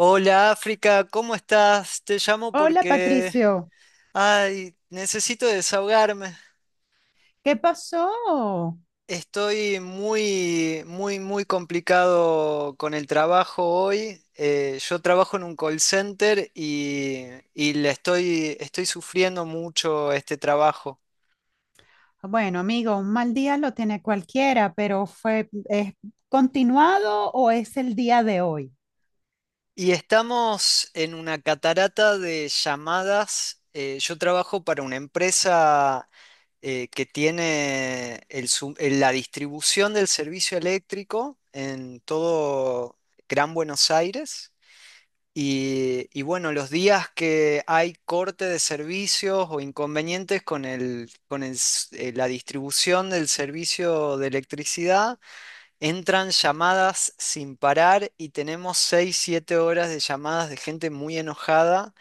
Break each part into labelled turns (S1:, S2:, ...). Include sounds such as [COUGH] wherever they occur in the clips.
S1: Hola África, ¿cómo estás? Te llamo
S2: Hola
S1: porque,
S2: Patricio,
S1: ay, necesito desahogarme.
S2: ¿qué pasó?
S1: Estoy muy, muy, muy complicado con el trabajo hoy. Yo trabajo en un call center y le estoy sufriendo mucho este trabajo.
S2: Bueno, amigo, un mal día lo tiene cualquiera, pero ¿es continuado o es el día de hoy?
S1: Y estamos en una catarata de llamadas. Yo trabajo para una empresa, que tiene la distribución del servicio eléctrico en todo Gran Buenos Aires. Y bueno, los días que hay corte de servicios o inconvenientes la distribución del servicio de electricidad, entran llamadas sin parar y tenemos 6 7 horas de llamadas de gente muy enojada,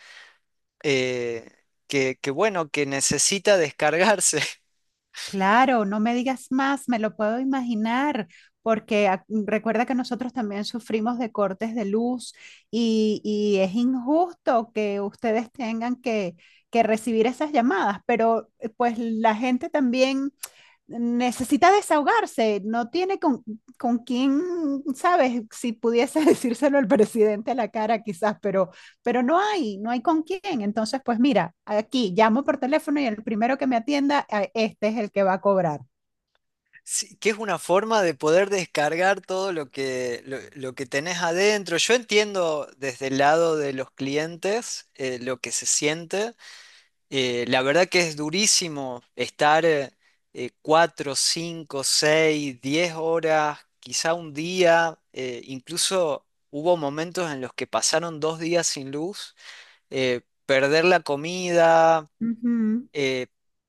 S1: eh, que bueno, que necesita descargarse. [LAUGHS]
S2: Claro, no me digas más, me lo puedo imaginar, porque recuerda que nosotros también sufrimos de cortes de luz y es injusto que ustedes tengan que recibir esas llamadas, pero pues la gente también necesita desahogarse, no tiene con quién, sabes, si pudiese [LAUGHS] decírselo al presidente a la cara quizás, pero, no hay con quién. Entonces, pues mira, aquí llamo por teléfono y el primero que me atienda, este es el que va a cobrar.
S1: Sí, que es una forma de poder descargar todo lo que tenés adentro. Yo entiendo desde el lado de los clientes, lo que se siente. La verdad que es durísimo estar 4, 5, 6, 10 horas, quizá un día. Incluso hubo momentos en los que pasaron 2 días sin luz, perder la comida,
S2: Ujú,
S1: eh,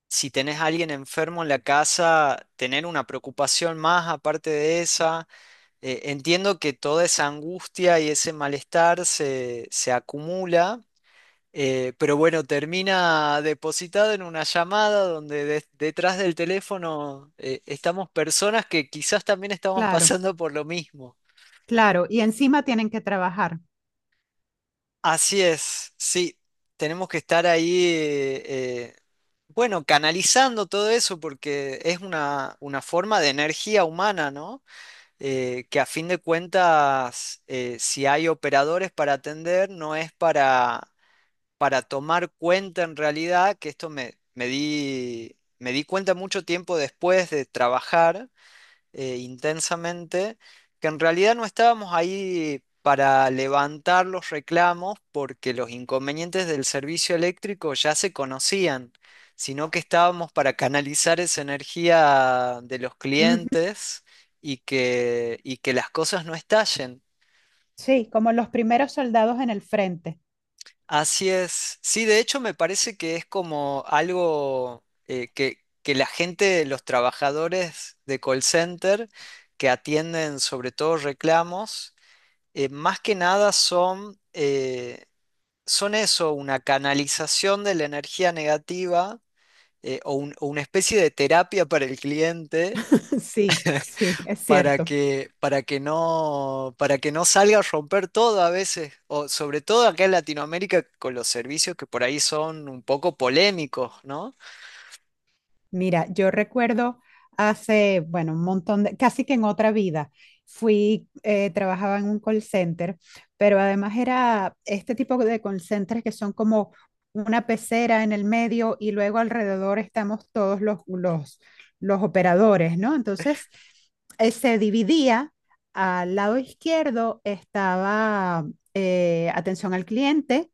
S1: si tenés a alguien enfermo en la casa, tener una preocupación más aparte de esa. Entiendo que toda esa angustia y ese malestar se acumula, pero bueno, termina depositado en una llamada donde detrás del teléfono, estamos personas que quizás también estamos [LAUGHS]
S2: claro,
S1: pasando por lo mismo.
S2: claro. Y encima tienen que trabajar.
S1: Así es, sí, tenemos que estar ahí, eh, bueno, canalizando todo eso porque es una forma de energía humana, ¿no? Que a fin de cuentas, si hay operadores para atender, no es para tomar cuenta en realidad, que esto me di cuenta mucho tiempo después de trabajar intensamente, que en realidad no estábamos ahí para levantar los reclamos porque los inconvenientes del servicio eléctrico ya se conocían, sino que estábamos para canalizar esa energía de los
S2: Ujú,
S1: clientes, y que las cosas no estallen.
S2: sí, como los primeros soldados en el frente.
S1: Así es. Sí, de hecho me parece que es como algo, que la gente, los trabajadores de call center que atienden sobre todo reclamos, más que nada son eso, una canalización de la energía negativa, o una especie de terapia para el cliente,
S2: [LAUGHS] Sí, sí, es
S1: para
S2: cierto.
S1: que, para que no, para que no salga a romper todo a veces, o sobre todo acá en Latinoamérica con los servicios que por ahí son un poco polémicos, ¿no?
S2: Mira, yo recuerdo hace, bueno, un montón de, casi que en otra vida, trabajaba en un call center, pero además era este tipo de call centers que son como una pecera en el medio y luego alrededor estamos todos los operadores, ¿no? Entonces, se dividía, al lado izquierdo estaba atención al cliente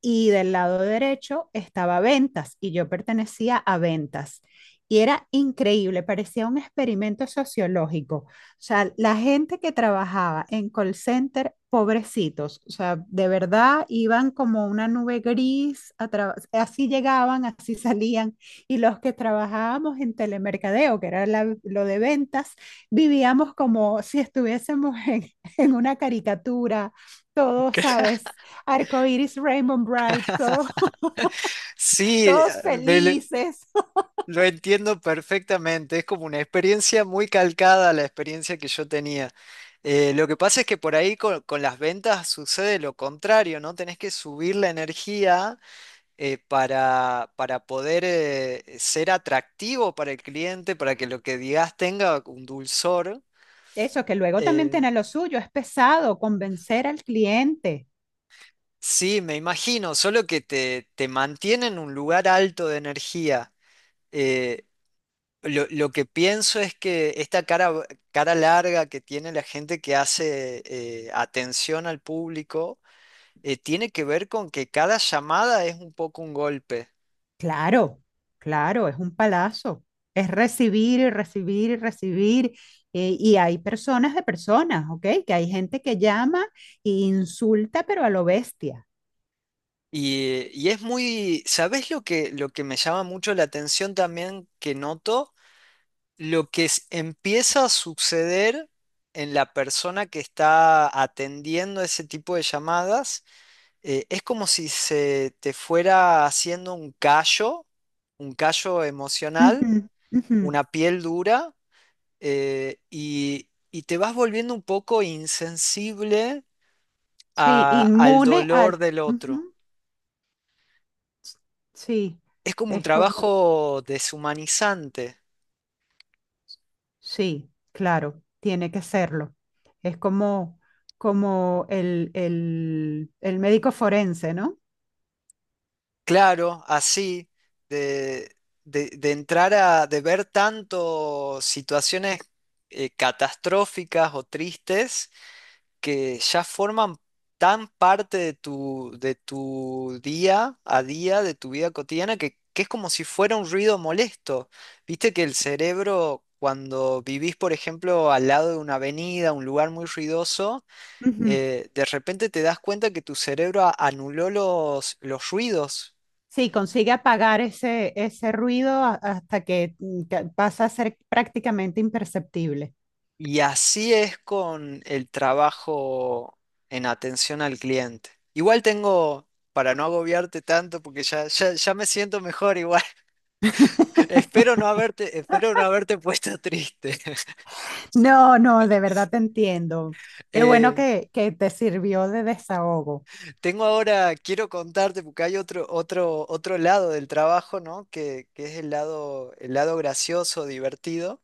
S2: y del lado derecho estaba ventas y yo pertenecía a ventas. Y era increíble, parecía un experimento sociológico. O sea, la gente que trabajaba en call center, pobrecitos, o sea, de verdad iban como una nube gris, así llegaban, así [LAUGHS] salían. Y los que trabajábamos en telemercadeo, que era lo de ventas, vivíamos como si estuviésemos en, [LAUGHS] en una caricatura, todos,
S1: [LAUGHS]
S2: ¿sabes? Arcoiris, Rainbow Bright, todo- [LAUGHS]
S1: Sí,
S2: todos
S1: ah,
S2: felices.
S1: lo entiendo perfectamente. Es como una experiencia muy calcada a la experiencia que yo tenía. Lo que pasa es que por ahí con las ventas sucede lo contrario, ¿no? Tenés que subir la energía, para poder ser atractivo para el cliente, para que lo que digas tenga un dulzor.
S2: Eso que luego también
S1: Eh,
S2: tiene lo suyo, es pesado convencer al cliente.
S1: sí, me imagino, solo que te mantiene en un lugar alto de energía. Eh, lo que pienso es que esta cara larga que tiene la gente que hace atención al público, tiene que ver con que cada llamada es un poco un golpe.
S2: Claro, claro, es un palazo. Es recibir y recibir y recibir. Y hay personas de personas, ¿ok? Que hay gente que llama e insulta, pero a lo bestia.
S1: Y es muy, ¿sabés lo que me llama mucho la atención también que noto? Lo que empieza a suceder en la persona que está atendiendo ese tipo de llamadas, es como si se te fuera haciendo un callo emocional,
S2: Ujú, ujú.
S1: una piel dura, y te vas volviendo un poco insensible
S2: Sí,
S1: al
S2: inmune
S1: dolor
S2: al...
S1: del otro.
S2: ujú, sí,
S1: Es como un
S2: es como...
S1: trabajo deshumanizante,
S2: Sí, claro, tiene que serlo. Es como, como el médico forense, ¿no?
S1: claro, así, de, de ver tanto situaciones catastróficas o tristes que ya forman tan parte de tu día a día, de tu vida cotidiana, que es como si fuera un ruido molesto. Viste que el cerebro, cuando vivís, por ejemplo, al lado de una avenida, un lugar muy ruidoso,
S2: Ujú.
S1: de repente te das cuenta que tu cerebro anuló los ruidos,
S2: Sí, consigue apagar ese ruido hasta que pasa a ser prácticamente imperceptible.
S1: y así es con el trabajo en atención al cliente. Igual tengo, para no agobiarte tanto, porque ya me siento mejor igual. [LAUGHS]
S2: [LAUGHS]
S1: Espero no haberte puesto triste. [LAUGHS]
S2: No, no, de verdad te entiendo. Qué bueno
S1: Eh,
S2: que te sirvió de desahogo.
S1: tengo ahora, quiero contarte, porque hay otro lado del trabajo, ¿no? Que es el lado gracioso, divertido.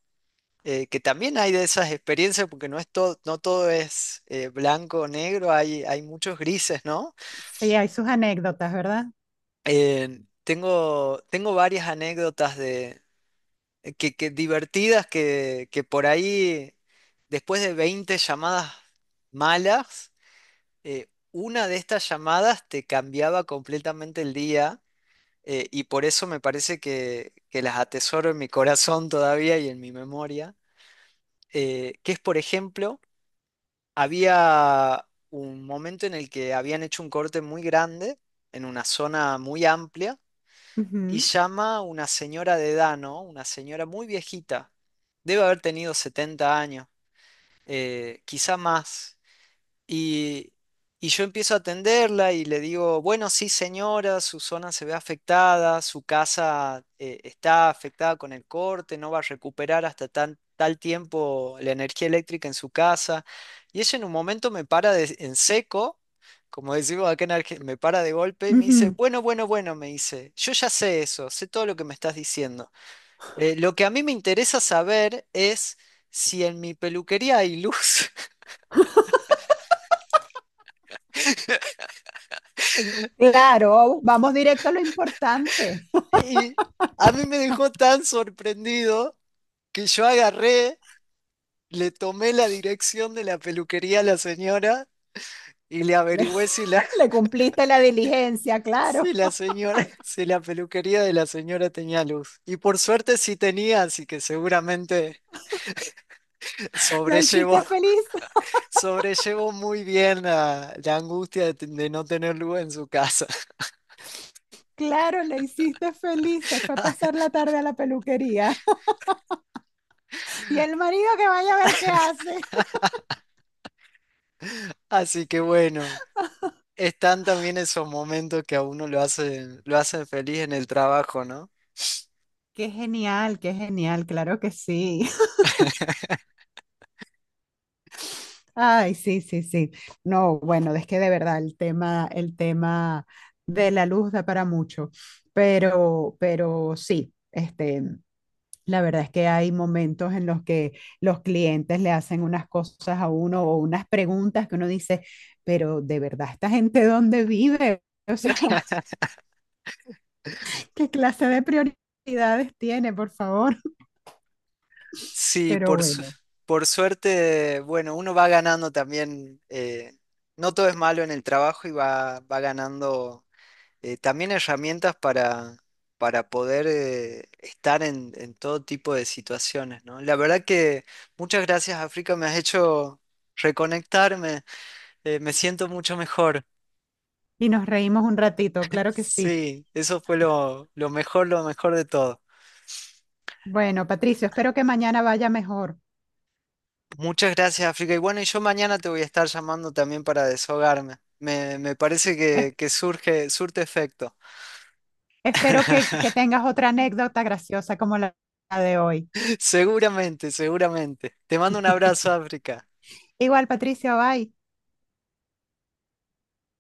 S1: Que también hay de esas experiencias, porque no todo es blanco o negro, hay muchos grises, ¿no?
S2: Sí, hay sus anécdotas, ¿verdad?
S1: Tengo varias anécdotas que divertidas que por ahí, después de 20 llamadas malas, una de estas llamadas te cambiaba completamente el día. Y por eso me parece que las atesoro en mi corazón todavía y en mi memoria. Que es, por ejemplo, había un momento en el que habían hecho un corte muy grande en una zona muy amplia, y
S2: Ujú,
S1: llama una señora de edad, ¿no? Una señora muy viejita, debe haber tenido 70 años, quizá más, y, y yo empiezo a atenderla y le digo, bueno, sí, señora, su zona se ve afectada, su casa está afectada con el corte, no va a recuperar hasta tal tiempo la energía eléctrica en su casa. Y ella en un momento me para en seco, como decimos acá en Argentina, me para de golpe y me dice,
S2: ujú.
S1: bueno, bueno, bueno, me dice, yo ya sé eso, sé todo lo que me estás diciendo. Lo que a mí me interesa saber es si en mi peluquería hay luz.
S2: Claro, vamos directo a lo importante.
S1: Y a mí me dejó tan sorprendido que yo agarré, le tomé la dirección de la peluquería a la señora y le
S2: Le,
S1: averigüé
S2: [LAUGHS] le cumpliste la diligencia,
S1: [LAUGHS]
S2: claro.
S1: si la peluquería de la señora tenía luz. Y por suerte sí tenía, así que seguramente
S2: La
S1: sobrellevó,
S2: hiciste
S1: [LAUGHS]
S2: feliz,
S1: sobrellevó muy bien la angustia de no tener luz en su casa.
S2: claro, la hiciste feliz. Se fue a pasar
S1: [LAUGHS]
S2: la tarde a la peluquería. Y el marido que vaya a ver qué hace.
S1: Así que bueno, están también esos momentos que a uno lo hacen feliz en el trabajo, ¿no?
S2: Qué genial, claro que sí. [LAUGHS] Ay, sí, sí, sí. No, bueno, es que de verdad el tema de la luz da para mucho, pero sí, este, la verdad es que hay momentos en los que los clientes le hacen unas cosas a uno o unas preguntas que uno dice, pero de verdad, ¿esta gente dónde vive? O sea, [LAUGHS] ¿qué clase de prioridades tiene, por favor? [LAUGHS]
S1: Sí,
S2: Pero bueno,
S1: por suerte, bueno, uno va ganando también, no todo es malo en el trabajo y va ganando, también herramientas para poder estar en todo tipo de situaciones, ¿no? La verdad que muchas gracias, África, me has hecho reconectarme, me siento mucho mejor. [LAUGHS]
S2: y nos reímos un ratito, claro que sí.
S1: Sí, eso fue lo mejor, lo mejor de todo.
S2: Bueno, Patricio, espero que mañana vaya mejor.
S1: Muchas gracias, África. Y bueno, yo mañana te voy a estar llamando también para desahogarme. Me parece
S2: Es-
S1: que surte efecto.
S2: Espero que
S1: [LAUGHS]
S2: tengas otra anécdota graciosa como la de hoy.
S1: Seguramente, seguramente. Te mando un abrazo, África.
S2: Igual, Patricio, bye.